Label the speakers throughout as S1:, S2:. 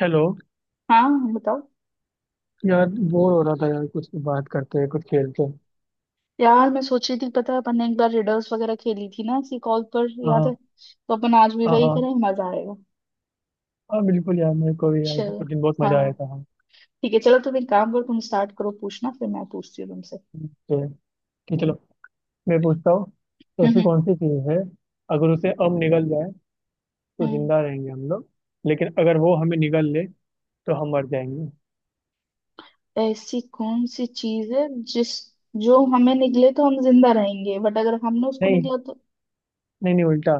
S1: Hello.
S2: हाँ, बताओ।
S1: यार बोर हो रहा था यार, कुछ बात करते हैं कुछ खेलते हैं।
S2: यार, मैं सोच रही थी पता है अपन ने एक बार रिडल्स वगैरह खेली थी ना इसी कॉल पर, याद है?
S1: हाँ।
S2: तो अपन आज भी
S1: हाँ
S2: वही
S1: हाँ।
S2: करें, मजा आएगा।
S1: हाँ बिल्कुल यार, मेरे को भी यार उस
S2: चलो।
S1: दिन बहुत मजा
S2: हाँ,
S1: आया था, हाँ।
S2: ठीक है, चलो, तुम एक काम करो, तुम स्टार्ट करो पूछना, फिर मैं पूछती हूँ तुमसे।
S1: तो कि चलो, मैं पूछता हूँ। तो
S2: हम्म,
S1: ऐसी
S2: हम्म,
S1: कौन सी चीज़ है अगर उसे अब निगल जाए तो
S2: हम्म।
S1: जिंदा रहेंगे हम लोग, लेकिन अगर वो हमें निगल ले तो हम मर जाएंगे।
S2: ऐसी कौन सी चीज है जिस जो हमें निकले तो हम जिंदा रहेंगे, बट अगर हमने उसको
S1: नहीं
S2: निकला तो?
S1: नहीं नहीं, उल्टा।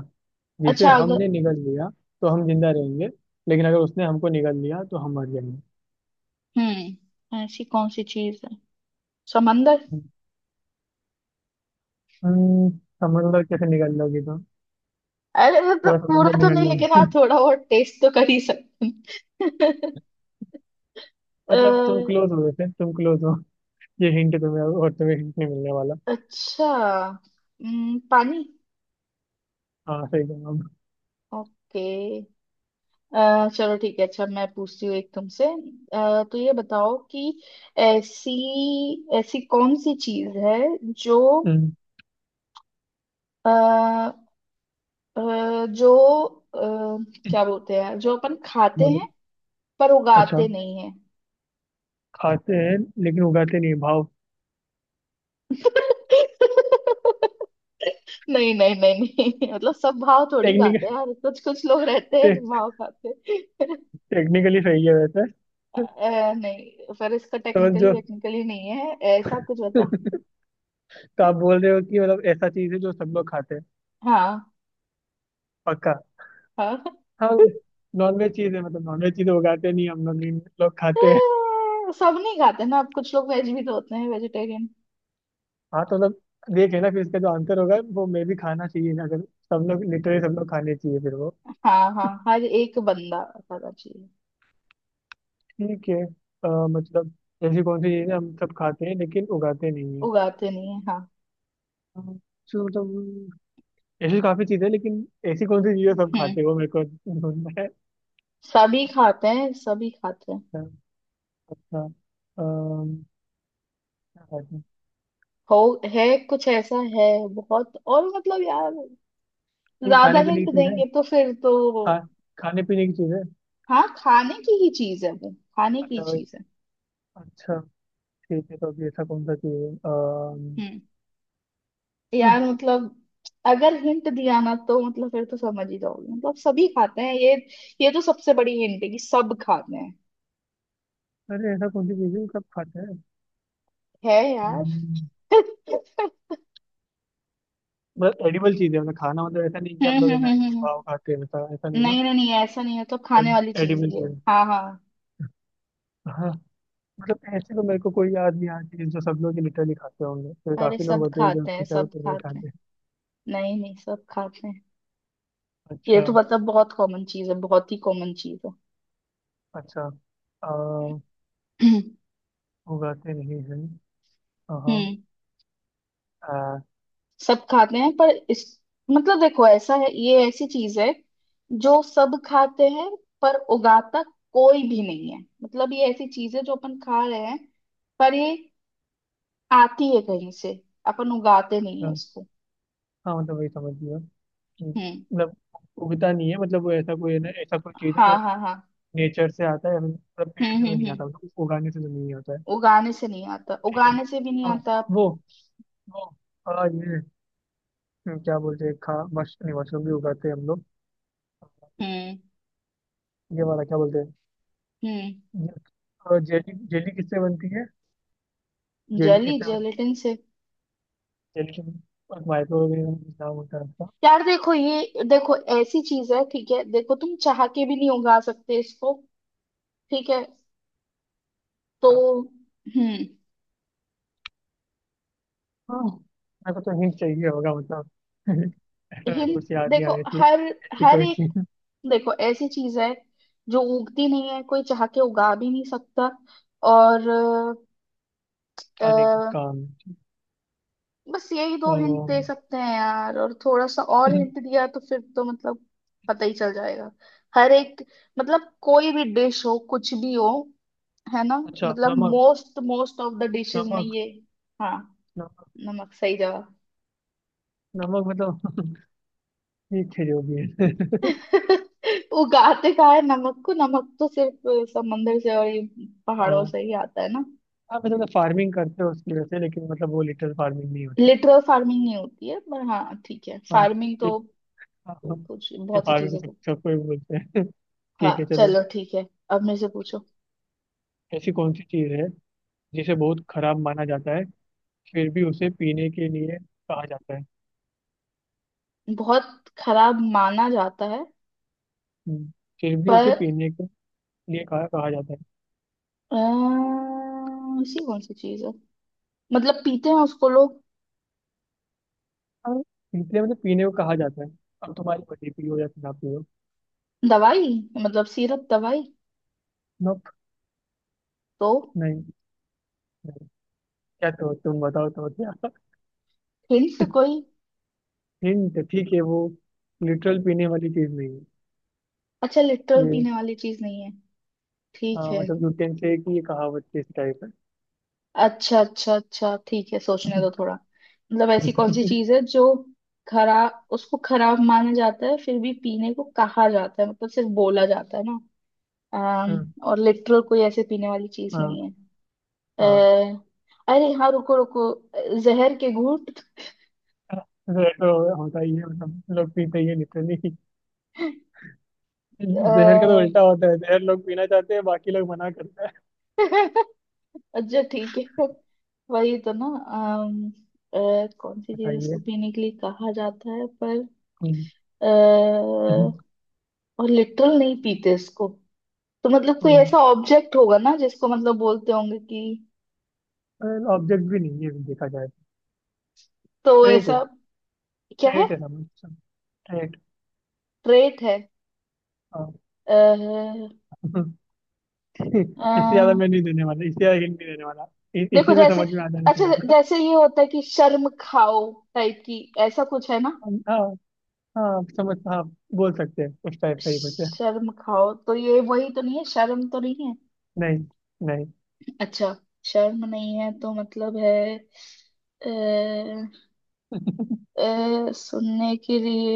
S1: जिसे
S2: अच्छा, अगर।
S1: हमने निगल लिया तो हम जिंदा रहेंगे, लेकिन अगर उसने हमको निगल लिया तो हम मर जाएंगे।
S2: ऐसी कौन सी चीज है? समंदर?
S1: हम्म, समझ लो, कैसे निगल लोगी तो।
S2: अरे मतलब
S1: थोड़ा समझ
S2: पूरा
S1: लो
S2: तो
S1: निगल
S2: नहीं, लेकिन हाँ
S1: लोगी।
S2: थोड़ा बहुत टेस्ट तो कर ही सकते हैं।
S1: मतलब तुम क्लोज हो, वैसे तुम क्लोज हो। ये हिंट तुम्हें, और तुम्हें हिंट नहीं मिलने वाला।
S2: अच्छा। पानी।
S1: हाँ, सही जवाब।
S2: ओके। चलो ठीक है, अच्छा, मैं पूछती हूँ एक तुमसे। तो ये बताओ कि ऐसी ऐसी कौन सी चीज है जो
S1: हम्म।
S2: आ, जो अ, क्या बोलते हैं, जो अपन खाते
S1: बोलो।
S2: हैं पर
S1: अच्छा,
S2: उगाते नहीं है?
S1: खाते हैं लेकिन उगाते नहीं, भाव।
S2: नहीं, नहीं, नहीं, नहीं, मतलब सब भाव थोड़ी खाते
S1: टेक्निकल
S2: हैं यार, कुछ कुछ लोग रहते हैं
S1: टे,
S2: जो भाव खाते हैं।
S1: टेक्निकली सही है वैसे।
S2: नहीं, पर इसका
S1: समझ जो।
S2: टेक्निकली टेक्निकली नहीं है ऐसा कुछ होता।
S1: तो आप बोल रहे हो कि मतलब ऐसा चीज है जो सब लोग खाते हैं,
S2: हाँ,
S1: पक्का?
S2: हाँ।
S1: हाँ। नॉनवेज चीज है, मतलब नॉनवेज चीज उगाते नहीं हम लोग, नहीं लोग खाते हैं।
S2: सब नहीं खाते ना, अब कुछ लोग वेज भी तो होते हैं, वेजिटेरियन।
S1: हाँ तो मतलब देखे ना, फिर इसका जो आंसर होगा वो मैं भी खाना चाहिए ना, अगर सब लोग लिटरली सब लोग खाने चाहिए फिर वो।
S2: हाँ, हाँ, हर एक बंदा खाना चाहिए।
S1: ठीक है, मतलब ऐसी कौन सी चीज़ है हम सब खाते हैं लेकिन उगाते नहीं है?
S2: उगाते नहीं है, हाँ।
S1: तो मतलब ऐसी काफ़ी चीज़ें हैं, लेकिन ऐसी कौन सी चीज़ें सब
S2: हम्म
S1: खाते हैं वो मेरे को ढूंढना है।
S2: सभी खाते हैं, सभी खाते हैं।
S1: अच्छा। अच्छा, अम, क्या खाते हैं?
S2: हो, है कुछ ऐसा है, बहुत, और मतलब यार
S1: ठीक,
S2: ज्यादा
S1: खाने पीने की
S2: हिंट
S1: चीज़ है?
S2: देंगे तो फिर तो।
S1: खा खाने पीने की चीज़ है।
S2: हाँ, खाने की ही चीज है वो, खाने की
S1: अच्छा भाई।
S2: चीज है।
S1: अच्छा। ठीक है, तो अभी ऐसा कौन सा चीज़ है
S2: हम्म।
S1: हाँ,
S2: यार मतलब अगर हिंट दिया ना तो मतलब फिर तो समझ ही जाओगे, मतलब सभी खाते हैं ये तो सबसे बड़ी हिंट है कि सब खाते हैं।
S1: अरे ऐसा कौन सी चीज़ है जो सब खाते हैं?
S2: है यार।
S1: हम्म, मतलब एडिबल चीज़ है, मतलब खाना, मतलब ऐसा नहीं कि हम
S2: हम्म,
S1: लोग है
S2: हम्म,
S1: ना
S2: हम्म,
S1: ये
S2: हम्म,
S1: पाव खाते हैं वैसा, ऐसा नहीं ना।
S2: नहीं, नहीं, नहीं, ऐसा नहीं है, तो खाने
S1: एड,
S2: वाली चीज
S1: एडिबल
S2: ही है,
S1: चीज़ है।
S2: हाँ हाँ।
S1: हाँ। मतलब ऐसे तो मेरे को कोई याद नहीं आ रही है जो सब लोग लिटरली खाते होंगे, तो
S2: अरे
S1: काफी लोग
S2: सब
S1: होते हैं जो
S2: खाते हैं,
S1: कुछ ना कुछ
S2: सब
S1: तो नहीं
S2: खाते हैं।
S1: खाते।
S2: नहीं नहीं, सब खाते हैं। ये
S1: अच्छा।
S2: तो मतलब बहुत कॉमन चीज है, बहुत ही कॉमन चीज है।
S1: अच्छा। आ,
S2: हम्म।
S1: उगाते नहीं है, हाँ हाँ। आ,
S2: सब खाते हैं पर इस मतलब देखो ऐसा है, ये ऐसी चीज है जो सब खाते हैं पर उगाता कोई भी नहीं है। मतलब ये ऐसी चीज है जो अपन खा रहे हैं, पर ये आती है कहीं से, अपन उगाते नहीं है
S1: हाँ
S2: इसको।
S1: हाँ, मतलब वही समझ लिया कि
S2: हम्म,
S1: मतलब उगता नहीं है, मतलब वो ऐसा कोई है ना, ऐसा कोई चीज़ है
S2: हाँ
S1: जो
S2: हाँ हाँ।
S1: नेचर से आता है, मतलब पेड़
S2: हम्म
S1: से तो
S2: हम्म
S1: नहीं
S2: हम्म
S1: आता, मतलब उगाने से तो नहीं होता है।
S2: उगाने से नहीं आता,
S1: ठीक है।
S2: उगाने से भी नहीं
S1: हाँ।
S2: आता।
S1: वो वो हाँ ये क्या बोलते हैं खा मश नहीं, मशरूम भी उगाते हैं हम लोग।
S2: हम्म
S1: ये वाला क्या बोलते हैं?
S2: हम्म
S1: और जेली, जेली किससे बनती है? जेली
S2: जली
S1: किससे बनती
S2: जेलेटिन से।
S1: है? जेली के माइक्रोवेव में कुछ नाम होता है उसका।
S2: यार देखो, ये देखो ऐसी चीज है, ठीक है, देखो तुम चाह के भी नहीं उगा सकते इसको, ठीक है
S1: अच्छा।
S2: तो। हम्म
S1: हाँ मेरे को तो हिंट चाहिए होगा, मतलब। ऐसा मेरे
S2: हिल।
S1: को कुछ याद नहीं आ
S2: देखो
S1: रही थी।
S2: हर
S1: ऐसी
S2: हर
S1: कोई
S2: एक,
S1: चीज
S2: देखो ऐसी चीज है जो उगती नहीं है, कोई चाह के उगा भी नहीं सकता। और अ,
S1: खाने की काम।
S2: बस यही दो हिंट दे
S1: अम,
S2: सकते हैं यार, और थोड़ा सा और हिंट दिया तो फिर तो मतलब पता ही चल जाएगा। हर एक, मतलब कोई भी डिश हो, कुछ भी हो, है ना,
S1: अच्छा,
S2: मतलब
S1: नमक।
S2: Most most of the dishes में
S1: नमक।
S2: ये। हाँ,
S1: नमक।
S2: नमक सही जवाब।
S1: नमक मतलब, ठीक है जो भी है।
S2: उगाते कहाँ है नमक को? नमक तो सिर्फ समंदर से और ये पहाड़ों
S1: हाँ।
S2: से ही आता है ना।
S1: हाँ मतलब फार्मिंग करते हो उसकी वजह से, लेकिन मतलब वो लिटिल फार्मिंग नहीं होती।
S2: लिटरल फार्मिंग नहीं होती है, पर हाँ ठीक है,
S1: हाँ,
S2: फार्मिंग तो
S1: ठीक। हाँ हाँ।
S2: कुछ
S1: ये
S2: बहुत सी
S1: फार्मिंग तो
S2: चीजों
S1: सब
S2: को।
S1: सबको ही बोलते हैं।
S2: हाँ,
S1: ठीक है चलो।
S2: चलो ठीक है, अब मेरे से पूछो।
S1: ऐसी कौन सी चीज है जिसे बहुत खराब माना जाता है फिर भी उसे पीने के लिए कहा जाता है?
S2: बहुत खराब माना जाता है
S1: हम्म, फिर भी
S2: पर।
S1: उसे पीने के लिए कहा कहा जाता है।
S2: ऐसी कौन सी चीज है, मतलब पीते हैं उसको लोग?
S1: हाँ, इसलिए मतलब पीने को कहा जाता है, अब तुम्हारी मर्जी पियो या ना पियो।
S2: दवाई, मतलब सिरप, दवाई।
S1: नोप।
S2: तो
S1: नहीं नहीं। क्या, तो तुम बताओ तो क्या?
S2: हिंट कोई?
S1: हिंट, ठीक है वो लिटरल पीने वाली चीज नहीं है।
S2: अच्छा, लिटरल
S1: ये,
S2: पीने वाली चीज नहीं है, ठीक
S1: हाँ,
S2: है।
S1: मतलब यूटेंसिल की ये कहावत के इस टाइप है।
S2: अच्छा, अच्छा, अच्छा, ठीक है, सोचने दो थोड़ा, मतलब ऐसी कौन सी चीज है जो खराब, उसको खराब माना जाता है फिर भी पीने को कहा जाता है, मतलब सिर्फ बोला जाता है ना। अम,
S1: हाँ
S2: और लिटरल कोई ऐसे पीने वाली चीज नहीं
S1: हाँ
S2: है।
S1: हाँ,
S2: अ, अरे हाँ, रुको रुको, जहर के घूंट?
S1: वैसे तो होता ही है मतलब लोग पीते ही लिटरली। जहर का तो
S2: अ,
S1: उल्टा होता है, जहर लोग पीना चाहते हैं बाकी लोग मना करते हैं।
S2: अच्छा ठीक है, वही तो ना। कौन सी चीज
S1: बताइए।
S2: उसको पीने के लिए कहा जाता है पर अ,
S1: हम्म।
S2: और लिटरल नहीं पीते इसको? तो मतलब कोई ऐसा ऑब्जेक्ट होगा ना जिसको मतलब बोलते होंगे कि,
S1: ऑब्जेक्ट भी नहीं है देखा जाए,
S2: तो
S1: ट्रेट है।
S2: ऐसा क्या है?
S1: ट्रेट है समझ, ट्रेट।
S2: ट्रेट है?
S1: हाँ।
S2: अह,
S1: इससे ज्यादा
S2: अह,
S1: मैं नहीं देने वाला, इससे ज्यादा हिंट नहीं देने वाला। इ,
S2: देखो
S1: इसी में
S2: जैसे,
S1: समझ में आ जाना
S2: अच्छा
S1: चाहिए था।
S2: जैसे ये होता है कि शर्म खाओ टाइप की, ऐसा कुछ है ना?
S1: हाँ हाँ समझ हाँ। बोल सकते हैं उस टाइप का ही कुछ है।
S2: शर्म खाओ तो ये वही तो नहीं है, शर्म तो नहीं है?
S1: नहीं नहीं।
S2: अच्छा, शर्म नहीं है तो मतलब है। अह, अह, सुनने के लिए,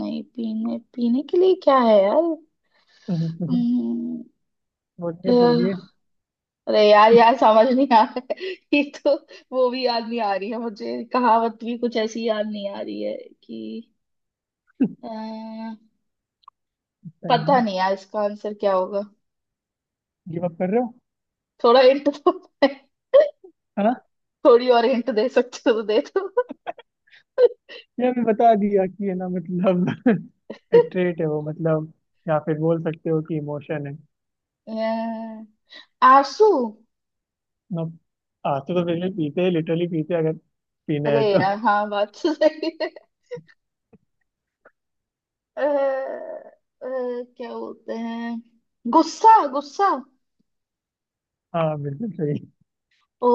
S2: नहीं पीने पीने के लिए क्या है?
S1: बोलिए बोलिए।
S2: यार, अरे यार यार, समझ नहीं आ रहा है, ये तो, वो भी याद नहीं आ रही है मुझे, कहावत भी कुछ ऐसी याद नहीं आ रही है कि। अ,
S1: सही
S2: पता
S1: है।
S2: नहीं यार इसका आंसर क्या होगा।
S1: गिव अप कर रहे हो?
S2: थोड़ा हिंट दो।
S1: है।
S2: थोड़ी और हिंट दे सकते हो तो दे दो।
S1: ये हमने बता दिया कि है ना मतलब, एक ट्रेट है वो मतलब, या फिर बोल सकते हो कि इमोशन है।
S2: अ, आंसू?
S1: ना, आंसू तो बिल्कुल पीते हैं लिटरली पीते हैं अगर पीना
S2: अरे
S1: है तो।
S2: यार हाँ, बात तो सही है। अ, अ, क्या बोलते हैं, गुस्सा, गुस्सा?
S1: हाँ बिल्कुल सही।
S2: ओ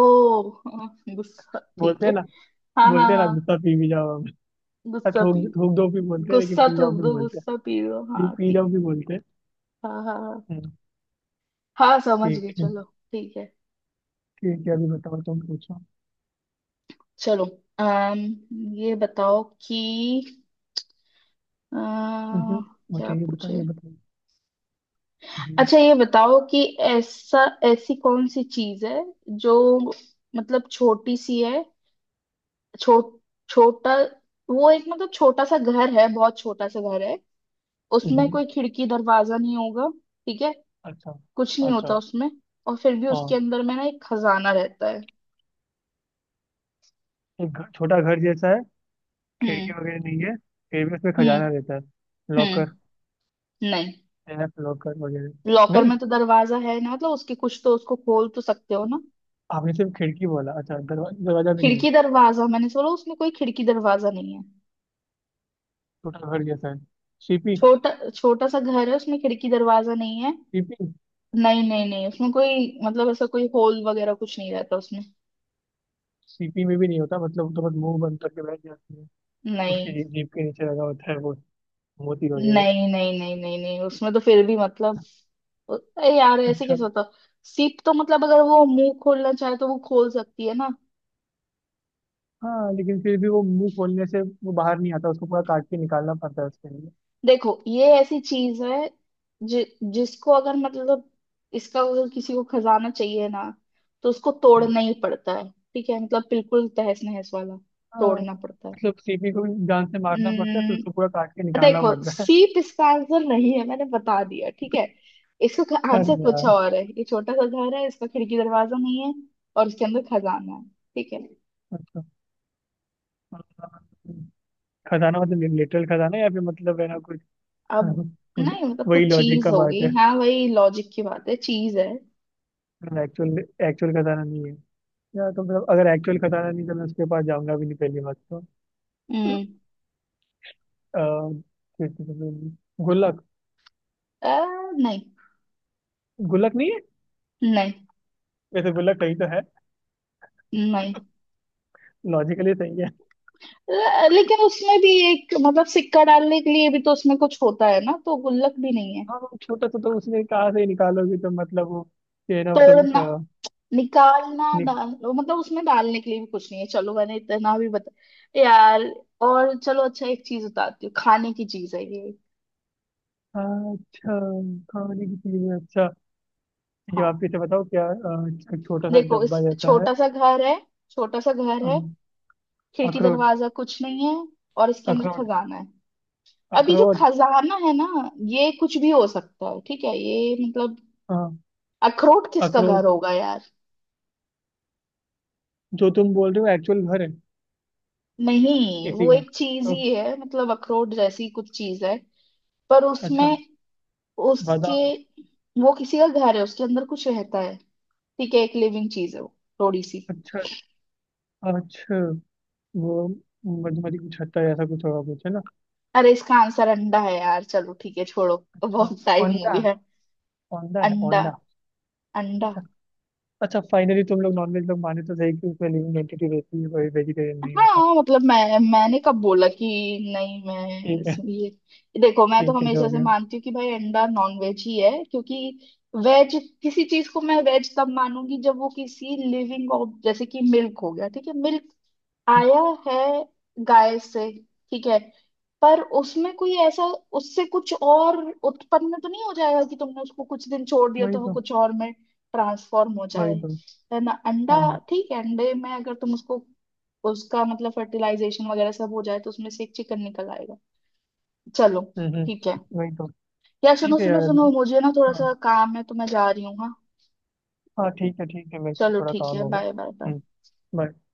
S2: हाँ, गुस्सा, ठीक
S1: बोलते
S2: है।
S1: हैं ना।
S2: हाँ हाँ
S1: बोलते हैं ना,
S2: हाँ,
S1: गुस्सा पी भी जाओ हम। हाँ,
S2: गुस्सा।
S1: थूक थूक दो भी बोलते हैं लेकिन
S2: गुस्सा
S1: पी जाओ
S2: थूक
S1: भी
S2: दो,
S1: बोलते हैं।
S2: गुस्सा पी लो, हाँ
S1: पी पी
S2: ठीक।
S1: जाओ भी बोलते हैं।
S2: हाँ हाँ हाँ।
S1: हम्म,
S2: हाँ, समझ गई,
S1: ठीक है।
S2: चलो। ठीक है,
S1: ठीक है अभी बताओ तुम पूछो।
S2: चलो। अम ये बताओ कि। अ,
S1: हम्म,
S2: क्या
S1: मुझे ये बताओ
S2: पूछे?
S1: ये बताओ। हम्म,
S2: अच्छा ये बताओ कि ऐसा ऐसी कौन सी चीज है जो मतलब छोटी सी है। छो, छोटा, वो एक मतलब छोटा सा घर है, बहुत छोटा सा घर है, उसमें
S1: हम्म,
S2: कोई खिड़की दरवाजा नहीं होगा, ठीक है,
S1: अच्छा,
S2: कुछ नहीं
S1: अच्छा,
S2: होता उसमें, और फिर भी उसके
S1: हाँ,
S2: अंदर में ना एक खजाना रहता है।
S1: एक घर, छोटा घर जैसा है, खिड़की
S2: हम्म
S1: वगैरह नहीं है, फिर भी उसमें
S2: हम्म
S1: खजाना रहता है?
S2: हम्म
S1: लॉकर?
S2: नहीं,
S1: एफ लॉकर वगैरह?
S2: लॉकर
S1: नहीं,
S2: में तो दरवाजा है ना, मतलब उसके कुछ तो, उसको खोल तो सकते हो ना।
S1: आपने सिर्फ खिड़की बोला, अच्छा दरवाजा भी नहीं है?
S2: खिड़की दरवाजा मैंने बोला, उसमें कोई खिड़की दरवाजा नहीं है।
S1: छोटा घर जैसा है, सीपी?
S2: छोटा छोटा सा घर है, उसमें खिड़की दरवाजा नहीं है।
S1: सीपी।
S2: नहीं नहीं नहीं, उसमें कोई मतलब ऐसा कोई होल वगैरह कुछ नहीं रहता उसमें।
S1: सीपी में भी नहीं होता, मतलब वो तो बस मुंह बंद करके बैठ जाती है,
S2: नहीं,
S1: उसकी जीभ के नीचे लगा होता है वो मोती वगैरह।
S2: नहीं, नहीं, नहीं, नहीं, नहीं, उसमें तो फिर भी मतलब। अरे यार, ऐसे
S1: अच्छा,
S2: कैसे होता? सीप तो मतलब अगर वो मुंह खोलना चाहे तो वो खोल सकती है ना।
S1: हाँ, लेकिन फिर भी वो मुंह खोलने से वो बाहर नहीं आता, उसको पूरा काट के निकालना पड़ता है उसके लिए।
S2: देखो ये ऐसी चीज है, जिसको अगर मतलब, इसका अगर किसी को खजाना चाहिए ना तो उसको
S1: हम्म।
S2: तोड़ना ही पड़ता है, ठीक है, मतलब बिल्कुल तहस नहस वाला
S1: हाँ
S2: तोड़ना पड़ता है।
S1: मतलब सीपी को भी जान से मारना पड़ता है, फिर उसको पूरा
S2: हम्म,
S1: काट के निकालना
S2: देखो,
S1: पड़ता है।
S2: सीप इसका आंसर नहीं है, मैंने बता दिया, ठीक है। इसका आंसर
S1: अरे
S2: कुछ
S1: यार,
S2: और है। ये छोटा सा घर है, इसका खिड़की दरवाजा नहीं है और इसके अंदर खजाना है, ठीक है
S1: अच्छा, खजाना मतलब लिटरल खजाना या फिर मतलब है ना कुछ?
S2: अब।
S1: उस-
S2: नहीं मतलब
S1: वही
S2: कुछ
S1: लॉजिक
S2: चीज
S1: का बात
S2: होगी,
S1: है,
S2: हाँ, वही लॉजिक की बात है, चीज है।
S1: एक्चुअल एक्चुअल खजाना नहीं है, या तो मतलब अगर एक्चुअल खजाना नहीं तो मैं उसके पास जाऊंगा भी नहीं पहली बात तो।
S2: हम्म
S1: अ, फिर तो मतलब, गुल्लक?
S2: अ, नहीं,
S1: गुल्लक नहीं है?
S2: नहीं,
S1: वैसे गुल्लक सही तो है,
S2: नहीं।
S1: लॉजिकली सही है।
S2: लेकिन उसमें भी एक मतलब सिक्का डालने के लिए भी तो उसमें कुछ होता है ना, तो गुल्लक भी नहीं है।
S1: हाँ वो छोटा सा तो उसने कहा से ही निकालोगे तो मतलब वो ये है ना वो सब
S2: तोड़ना, निकालना,
S1: नि-
S2: डाल मतलब उसमें डालने के लिए भी कुछ नहीं है, चलो मैंने इतना भी बता यार। और चलो, अच्छा एक चीज बताती हूँ, खाने की चीज है ये।
S1: अच्छा, खाने की चीज है? अच्छा, ये
S2: हाँ
S1: आप इसे बताओ क्या एक छोटा सा
S2: देखो, इस
S1: डब्बा जैसा है?
S2: छोटा सा घर है, छोटा सा घर
S1: अ,
S2: है, खिड़की
S1: अखरोट?
S2: दरवाजा कुछ नहीं है और इसके अंदर
S1: अखरोट?
S2: खजाना है, अभी जो
S1: अखरोट?
S2: खजाना है ना, ये कुछ भी हो सकता है, ठीक है, ये मतलब।
S1: हाँ,
S2: अखरोट किसका
S1: अखरोट
S2: घर होगा यार?
S1: जो तुम बोल रहे हो एक्चुअल घर है
S2: नहीं,
S1: इसी
S2: वो
S1: का
S2: एक चीज
S1: तो।
S2: ही है, मतलब अखरोट जैसी कुछ चीज है पर
S1: अच्छा,
S2: उसमें, उसके,
S1: बादाम।
S2: वो किसी का घर है, उसके अंदर कुछ रहता है, ठीक है, एक लिविंग चीज है वो, थोड़ी सी।
S1: अच्छा। अच्छा, वो मधुमति कुछ होता है ऐसा, कुछ होगा कुछ है ना।
S2: अरे इसका आंसर अंडा है यार, चलो ठीक है छोड़ो,
S1: अच्छा,
S2: बहुत टाइम हो
S1: औंधा।
S2: गया।
S1: औंधा है
S2: अंडा,
S1: औंधा।
S2: अंडा।
S1: अच्छा। अच्छा, फाइनली तुम लोग नॉनवेज लोग माने तो सही कि उसमें लिविंग एंटिटी रहती है, कोई वेजिटेरियन नहीं होता।
S2: हाँ मतलब मैंने कब बोला कि नहीं, मैं
S1: ठीक है।
S2: ये देखो, मैं तो
S1: ठीक है
S2: हमेशा
S1: जो भी
S2: से
S1: हो।
S2: मानती हूँ कि भाई अंडा नॉन वेज ही है, क्योंकि वेज, किसी चीज को मैं वेज तब मानूंगी जब वो किसी लिविंग, जैसे कि मिल्क हो गया, ठीक है, मिल्क आया है गाय से, ठीक है, पर उसमें कोई ऐसा, उससे कुछ और उत्पन्न तो नहीं हो जाएगा कि तुमने उसको कुछ दिन छोड़ दिया
S1: वही
S2: तो वो
S1: तो।
S2: कुछ और में ट्रांसफॉर्म हो जाए,
S1: वही तो।
S2: है ना? अंडा,
S1: हाँ।
S2: ठीक है, अंडे में अगर तुम उसको उसका मतलब फर्टिलाइजेशन वगैरह सब हो जाए तो उसमें से एक चिकन निकल आएगा, चलो
S1: हम्म
S2: ठीक है।
S1: हम्म, वही तो।
S2: यार सुनो
S1: ठीक है
S2: सुनो
S1: यार
S2: सुनो,
S1: अभी।
S2: मुझे ना थोड़ा
S1: हाँ।
S2: सा काम है, तो मैं जा रही हूँ, हाँ।
S1: हाँ ठीक है ठीक है, मेरे को भी
S2: चलो
S1: थोड़ा
S2: ठीक
S1: काम
S2: है,
S1: होगा।
S2: Bye bye bye.
S1: Hmm. bye।